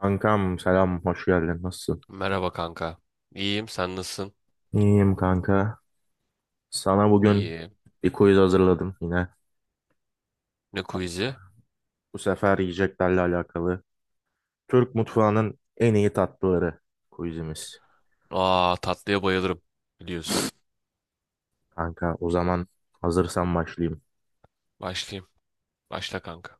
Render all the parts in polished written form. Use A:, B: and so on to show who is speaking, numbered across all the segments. A: Kankam selam, hoş geldin. Nasılsın?
B: Merhaba kanka. İyiyim, sen nasılsın?
A: İyiyim kanka. Sana bugün
B: İyiyim.
A: bir quiz hazırladım yine.
B: Ne quiz'i?
A: Bu sefer yiyeceklerle alakalı. Türk mutfağının en iyi tatlıları quizimiz.
B: Aa, tatlıya bayılırım biliyorsun.
A: Kanka o zaman hazırsan başlayayım.
B: Başlayayım. Başla kanka.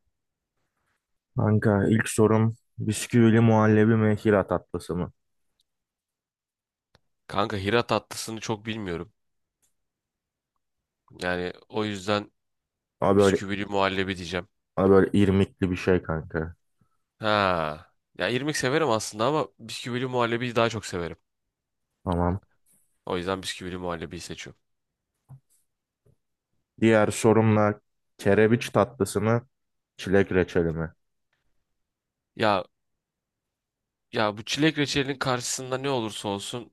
A: Kanka ilk sorum bisküvili muhallebi mi Hira tatlısı mı?
B: Kanka Hira tatlısını çok bilmiyorum. Yani o yüzden
A: Ama böyle,
B: bisküvili muhallebi diyeceğim.
A: ama böyle irmikli bir şey kanka.
B: Ha. Ya irmik severim aslında ama bisküvili muhallebiyi daha çok severim.
A: Tamam.
B: O yüzden bisküvili muhallebiyi seçiyorum.
A: Diğer sorumla kerebiç tatlısı mı? Çilek reçeli mi?
B: Ya ya bu çilek reçelinin karşısında ne olursa olsun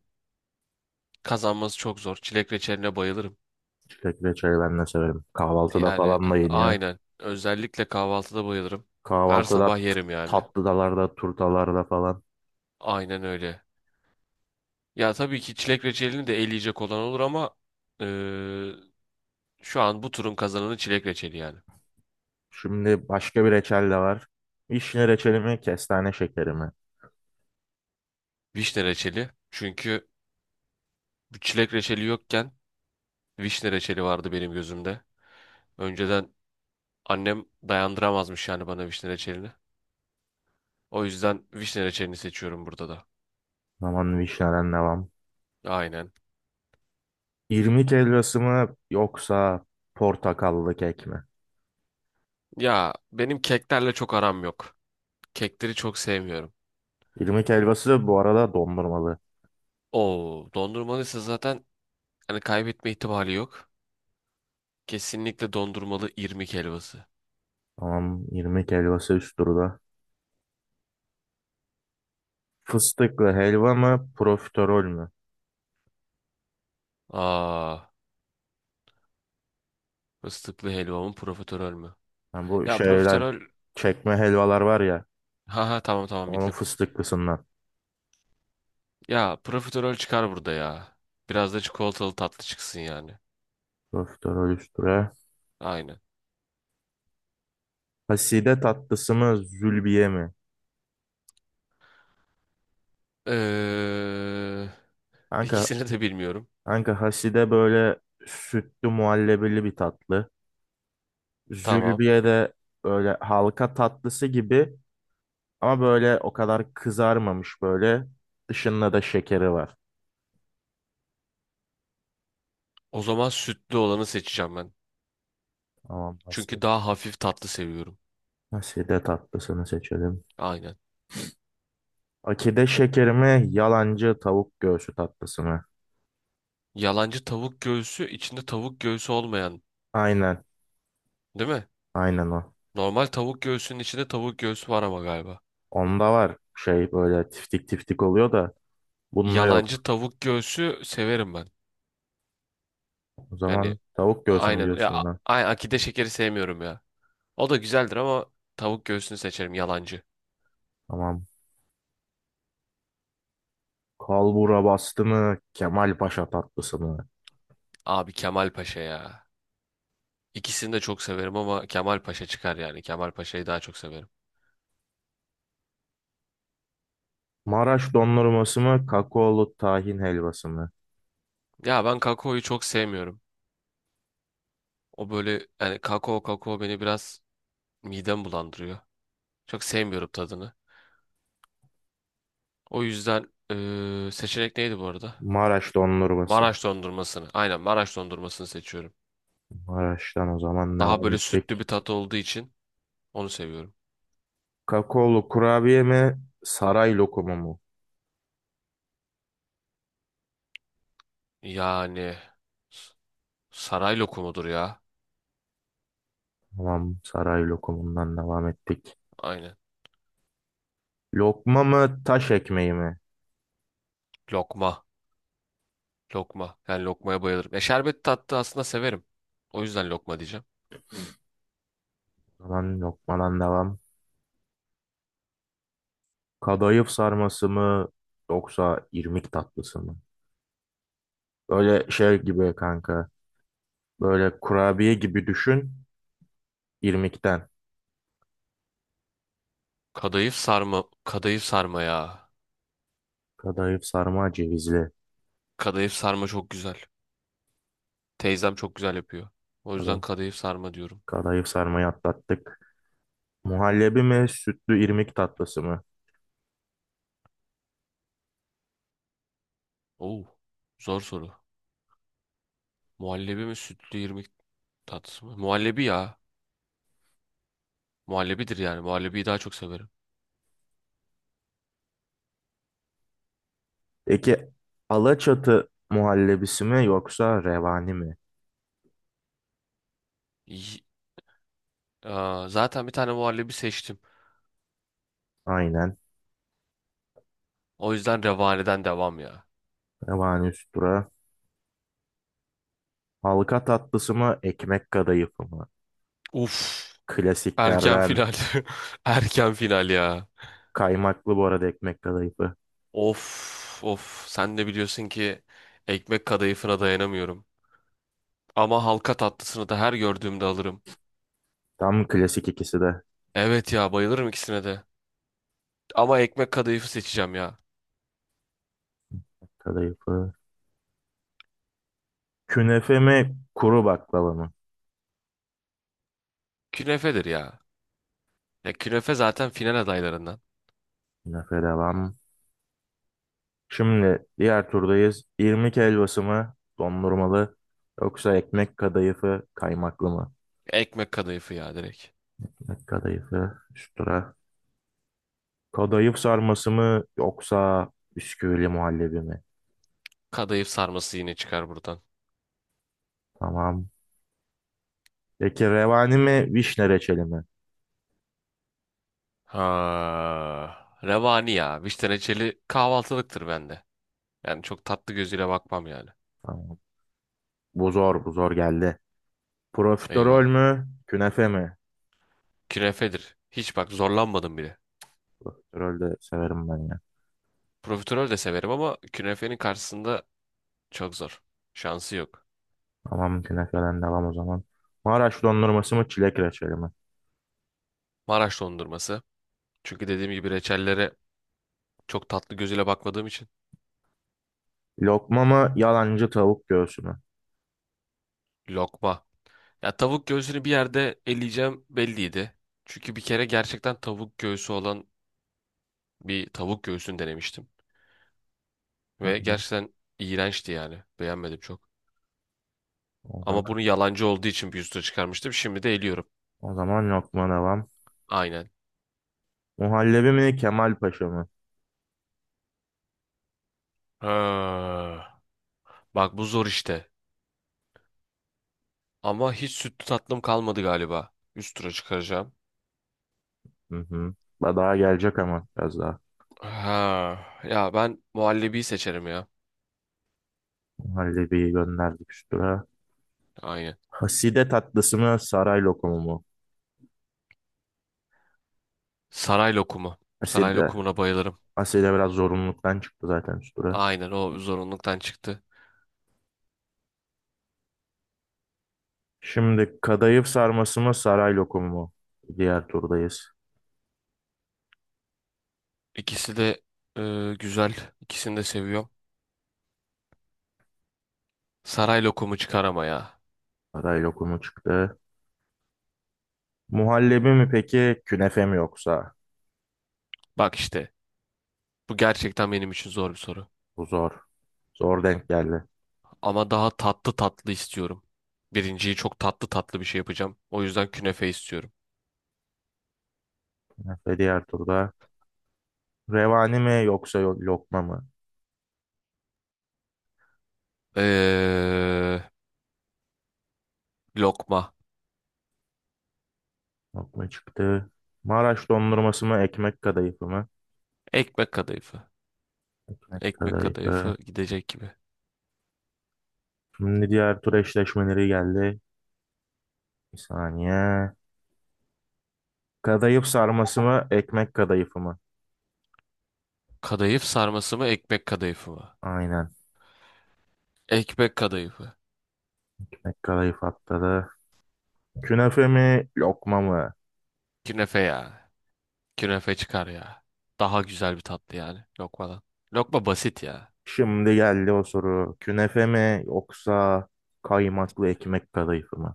B: kazanması çok zor. Çilek reçeline bayılırım.
A: Çilek reçeli ben de severim. Kahvaltıda
B: Yani
A: falan da yeniyor.
B: aynen. Özellikle kahvaltıda bayılırım. Her
A: Kahvaltıda
B: sabah yerim yani.
A: tatlıdalarda, turtalarda falan.
B: Aynen öyle. Ya tabii ki çilek reçelini de eleyecek olan olur ama eee, şu an bu turun kazananı çilek reçeli yani.
A: Şimdi başka bir reçel de var. Vişne reçeli mi, kestane şekeri mi?
B: Vişne reçeli. Çünkü bu çilek reçeli yokken vişne reçeli vardı benim gözümde. Önceden annem dayandıramazmış yani bana vişne reçelini. O yüzden vişne reçelini seçiyorum burada da.
A: Aman vişneden devam.
B: Aynen.
A: İrmik helvası mı yoksa portakallı kek mi?
B: Ya benim keklerle çok aram yok. Kekleri çok sevmiyorum.
A: İrmik helvası bu arada dondurmalı.
B: Oo, dondurmalıysa zaten hani kaybetme ihtimali yok. Kesinlikle dondurmalı irmik helvası.
A: Tamam, irmik helvası üst turda. Fıstıklı helva mı, profiterol mü?
B: Aa, fıstıklı helvamın profiterol mü?
A: Yani bu
B: Ya
A: şeyden
B: profiterol,
A: çekme helvalar var ya,
B: ha ha tamam tamam
A: onun
B: bildim.
A: fıstıklısından.
B: Ya profiterol çıkar burada ya. Biraz da çikolatalı tatlı çıksın yani.
A: Profiterol üst tura.
B: Aynen.
A: Haside tatlısı mı, zülbiye mi?
B: Ee,
A: Kanka
B: ikisini de bilmiyorum.
A: Kanka Haside böyle sütlü muhallebili bir tatlı.
B: Tamam.
A: Zülbiye de böyle halka tatlısı gibi ama böyle o kadar kızarmamış böyle. Dışında da şekeri var.
B: O zaman sütlü olanı seçeceğim ben.
A: Tamam Haside.
B: Çünkü daha hafif tatlı seviyorum.
A: Haside tatlısını seçelim.
B: Aynen.
A: Akide şekeri mi? Yalancı tavuk göğsü tatlısı mı?
B: Yalancı tavuk göğsü içinde tavuk göğsü olmayan,
A: Aynen.
B: değil mi?
A: Aynen o.
B: Normal tavuk göğsünün içinde tavuk göğsü var ama galiba.
A: Onda var şey böyle tiftik tiftik oluyor da bunda yok.
B: Yalancı tavuk göğsü severim ben.
A: O
B: Yani
A: zaman tavuk göğsü mü
B: aynen. Ya,
A: diyorsun buna?
B: akide şekeri sevmiyorum ya. O da güzeldir ama tavuk göğsünü seçerim yalancı.
A: Tamam. Kalbura bastı mı? Kemal Paşa tatlısı mı?
B: Abi Kemal Paşa ya. İkisini de çok severim ama Kemal Paşa çıkar yani. Kemal Paşa'yı daha çok severim.
A: Maraş dondurması mı, kakaolu tahin helvası mı?
B: Ya ben kakaoyu çok sevmiyorum. O böyle yani kakao beni biraz midem bulandırıyor. Çok sevmiyorum tadını. O yüzden seçenek neydi bu arada?
A: Maraş dondurması.
B: Maraş dondurmasını. Aynen Maraş dondurmasını seçiyorum.
A: Maraş'tan o zaman
B: Daha
A: devam
B: böyle sütlü
A: ettik.
B: bir tat olduğu için onu seviyorum.
A: Kakaolu kurabiye mi, saray lokumu mu?
B: Yani s- saray lokumudur ya.
A: Tamam, saray lokumundan devam ettik.
B: Aynen.
A: Lokma mı, taş ekmeği mi?
B: Lokma. Lokma. Yani lokmaya bayılırım. E şerbet tatlı aslında severim. O yüzden lokma diyeceğim.
A: O zaman lokmadan devam. Kadayıf sarması mı, yoksa irmik tatlısı mı? Böyle şey gibi kanka, böyle kurabiye gibi düşün, İrmikten.
B: Kadayıf sarma. Kadayıf sarma ya.
A: Kadayıf sarma cevizli.
B: Kadayıf sarma çok güzel. Teyzem çok güzel yapıyor. O yüzden
A: Kadayıf,
B: kadayıf sarma diyorum.
A: kadayıf sarmayı atlattık. Muhallebi mi, sütlü irmik tatlısı mı?
B: Oo, zor soru. Muhallebi mi sütlü irmik tatlısı mı? Muhallebi ya. Muhallebidir yani. Muhallebiyi daha çok severim.
A: Peki Alaçatı muhallebisi mi yoksa revani mi?
B: Y- Aa, zaten bir tane muhallebi seçtim.
A: Aynen.
B: O yüzden Revani'den devam ya.
A: Revani üstüra. Halka tatlısı mı, ekmek kadayıfı mı?
B: Uf. Erken
A: Klasiklerden.
B: final. Erken final ya.
A: Kaymaklı bu arada ekmek kadayıfı.
B: Of of. Sen de biliyorsun ki ekmek kadayıfına dayanamıyorum. Ama halka tatlısını da her gördüğümde alırım.
A: Tam klasik ikisi de.
B: Evet ya bayılırım ikisine de. Ama ekmek kadayıfı seçeceğim ya.
A: Kadayıfı. Künefe mi, kuru baklava mı?
B: Künefedir ya. Ya künefe zaten final adaylarından.
A: Künefe devam. Şimdi diğer turdayız. İrmik helvası mı, dondurmalı yoksa ekmek kadayıfı, kaymaklı mı?
B: Ekmek kadayıfı ya direkt.
A: Ekmek kadayıfı, üstüra. Kadayıf sarması mı yoksa bisküvili muhallebi mi?
B: Kadayıf sarması yine çıkar buradan.
A: Tamam. Peki revani mi, vişne reçeli mi?
B: Ha. Revani ya. Vişne reçeli kahvaltılıktır bende. Yani çok tatlı gözüyle bakmam yani.
A: Tamam. Bu zor geldi. Profiterol
B: Eyvah.
A: mü, künefe mi?
B: Künefedir. Hiç bak zorlanmadım bile.
A: Profiterol de severim ben ya.
B: Profiterol de severim ama künefenin karşısında çok zor. Şansı yok.
A: Tamam, künefeden devam o zaman. Maraş dondurması mı, çilek reçeli mi?
B: Maraş dondurması. Çünkü dediğim gibi reçellere çok tatlı gözüyle bakmadığım için.
A: Lokma mı, yalancı tavuk göğsü mü?
B: Lokma. Ya tavuk göğsünü bir yerde eleyeceğim belliydi. Çünkü bir kere gerçekten tavuk göğsü olan bir tavuk göğsünü denemiştim.
A: Hı
B: Ve
A: hı.
B: gerçekten iğrençti yani. Beğenmedim çok.
A: O zaman,
B: Ama bunu yalancı olduğu için bir üstüne çıkarmıştım. Şimdi de eliyorum.
A: o zaman lokma devam.
B: Aynen.
A: Muhallebi mi, Kemal Paşa mı?
B: Ha. Bak bu zor işte. Ama hiç sütlü tatlım kalmadı galiba. Üst tura çıkaracağım.
A: Hı hı. Daha gelecek ama biraz daha.
B: Ha, ya ben muhallebiyi seçerim ya.
A: Muhallebiyi gönderdik üstüne.
B: Aynen.
A: Haside tatlısı mı saray lokumu mu?
B: Saray lokumu. Saray
A: Haside.
B: lokumuna bayılırım.
A: Haside biraz zorunluluktan çıktı zaten şu tura.
B: Aynen o zorunluluktan çıktı.
A: Şimdi kadayıf sarması mı saray lokumu mu? Diğer turdayız.
B: İkisi de güzel. İkisini de seviyorum. Saray lokumu çıkar ama ya.
A: Saray lokumu çıktı. Muhallebi mi peki künefe mi yoksa?
B: Bak işte bu gerçekten benim için zor bir soru.
A: Bu zor. Zor denk geldi.
B: Ama daha tatlı tatlı istiyorum. Birinciyi çok tatlı tatlı bir şey yapacağım. O yüzden künefe istiyorum.
A: Künefe diğer turda. Revani mi yoksa lokma mı?
B: Ee, lokma.
A: Lokma çıktı. Maraş dondurması mı ekmek kadayıfı mı?
B: Ekmek kadayıfı.
A: Ekmek
B: Ekmek
A: kadayıfı.
B: kadayıfı gidecek gibi.
A: Şimdi diğer tur eşleşmeleri geldi. Bir saniye. Kadayıf sarması mı, ekmek kadayıfı mı?
B: Kadayıf sarması mı ekmek kadayıfı mı?
A: Aynen.
B: Ekmek kadayıfı.
A: Ekmek kadayıf atladı. Künefe mi, lokma mı?
B: Künefe ya. Künefe çıkar ya. Daha güzel bir tatlı yani lokmadan. Lokma basit ya.
A: Şimdi geldi o soru. Künefe mi yoksa kaymaklı ekmek kadayıfı mı?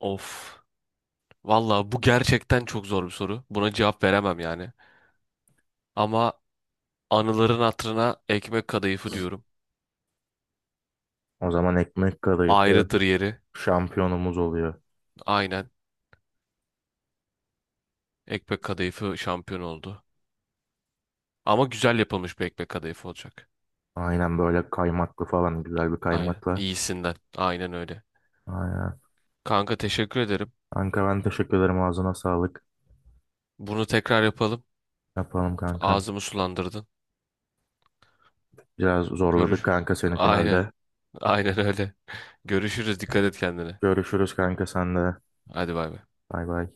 B: Of. Valla bu gerçekten çok zor bir soru. Buna cevap veremem yani. Ama anıların hatırına ekmek kadayıfı diyorum.
A: O zaman ekmek kadayıfı
B: Ayrıdır yeri.
A: şampiyonumuz oluyor.
B: Aynen. Ekmek kadayıfı şampiyon oldu. Ama güzel yapılmış bir ekmek kadayıfı olacak.
A: Aynen böyle kaymaklı falan güzel bir
B: Aynen.
A: kaymakla.
B: İyisinden. Aynen öyle.
A: Aynen.
B: Kanka teşekkür ederim.
A: Kanka ben teşekkür ederim ağzına sağlık.
B: Bunu tekrar yapalım.
A: Yapalım kankam.
B: Ağzımı sulandırdın.
A: Biraz zorladık
B: Görüş.
A: kanka seni
B: Aynen.
A: finalde.
B: Aynen öyle. Görüşürüz. Dikkat et kendine.
A: Görüşürüz kanka sen de.
B: Hadi bay bay.
A: Bay bay.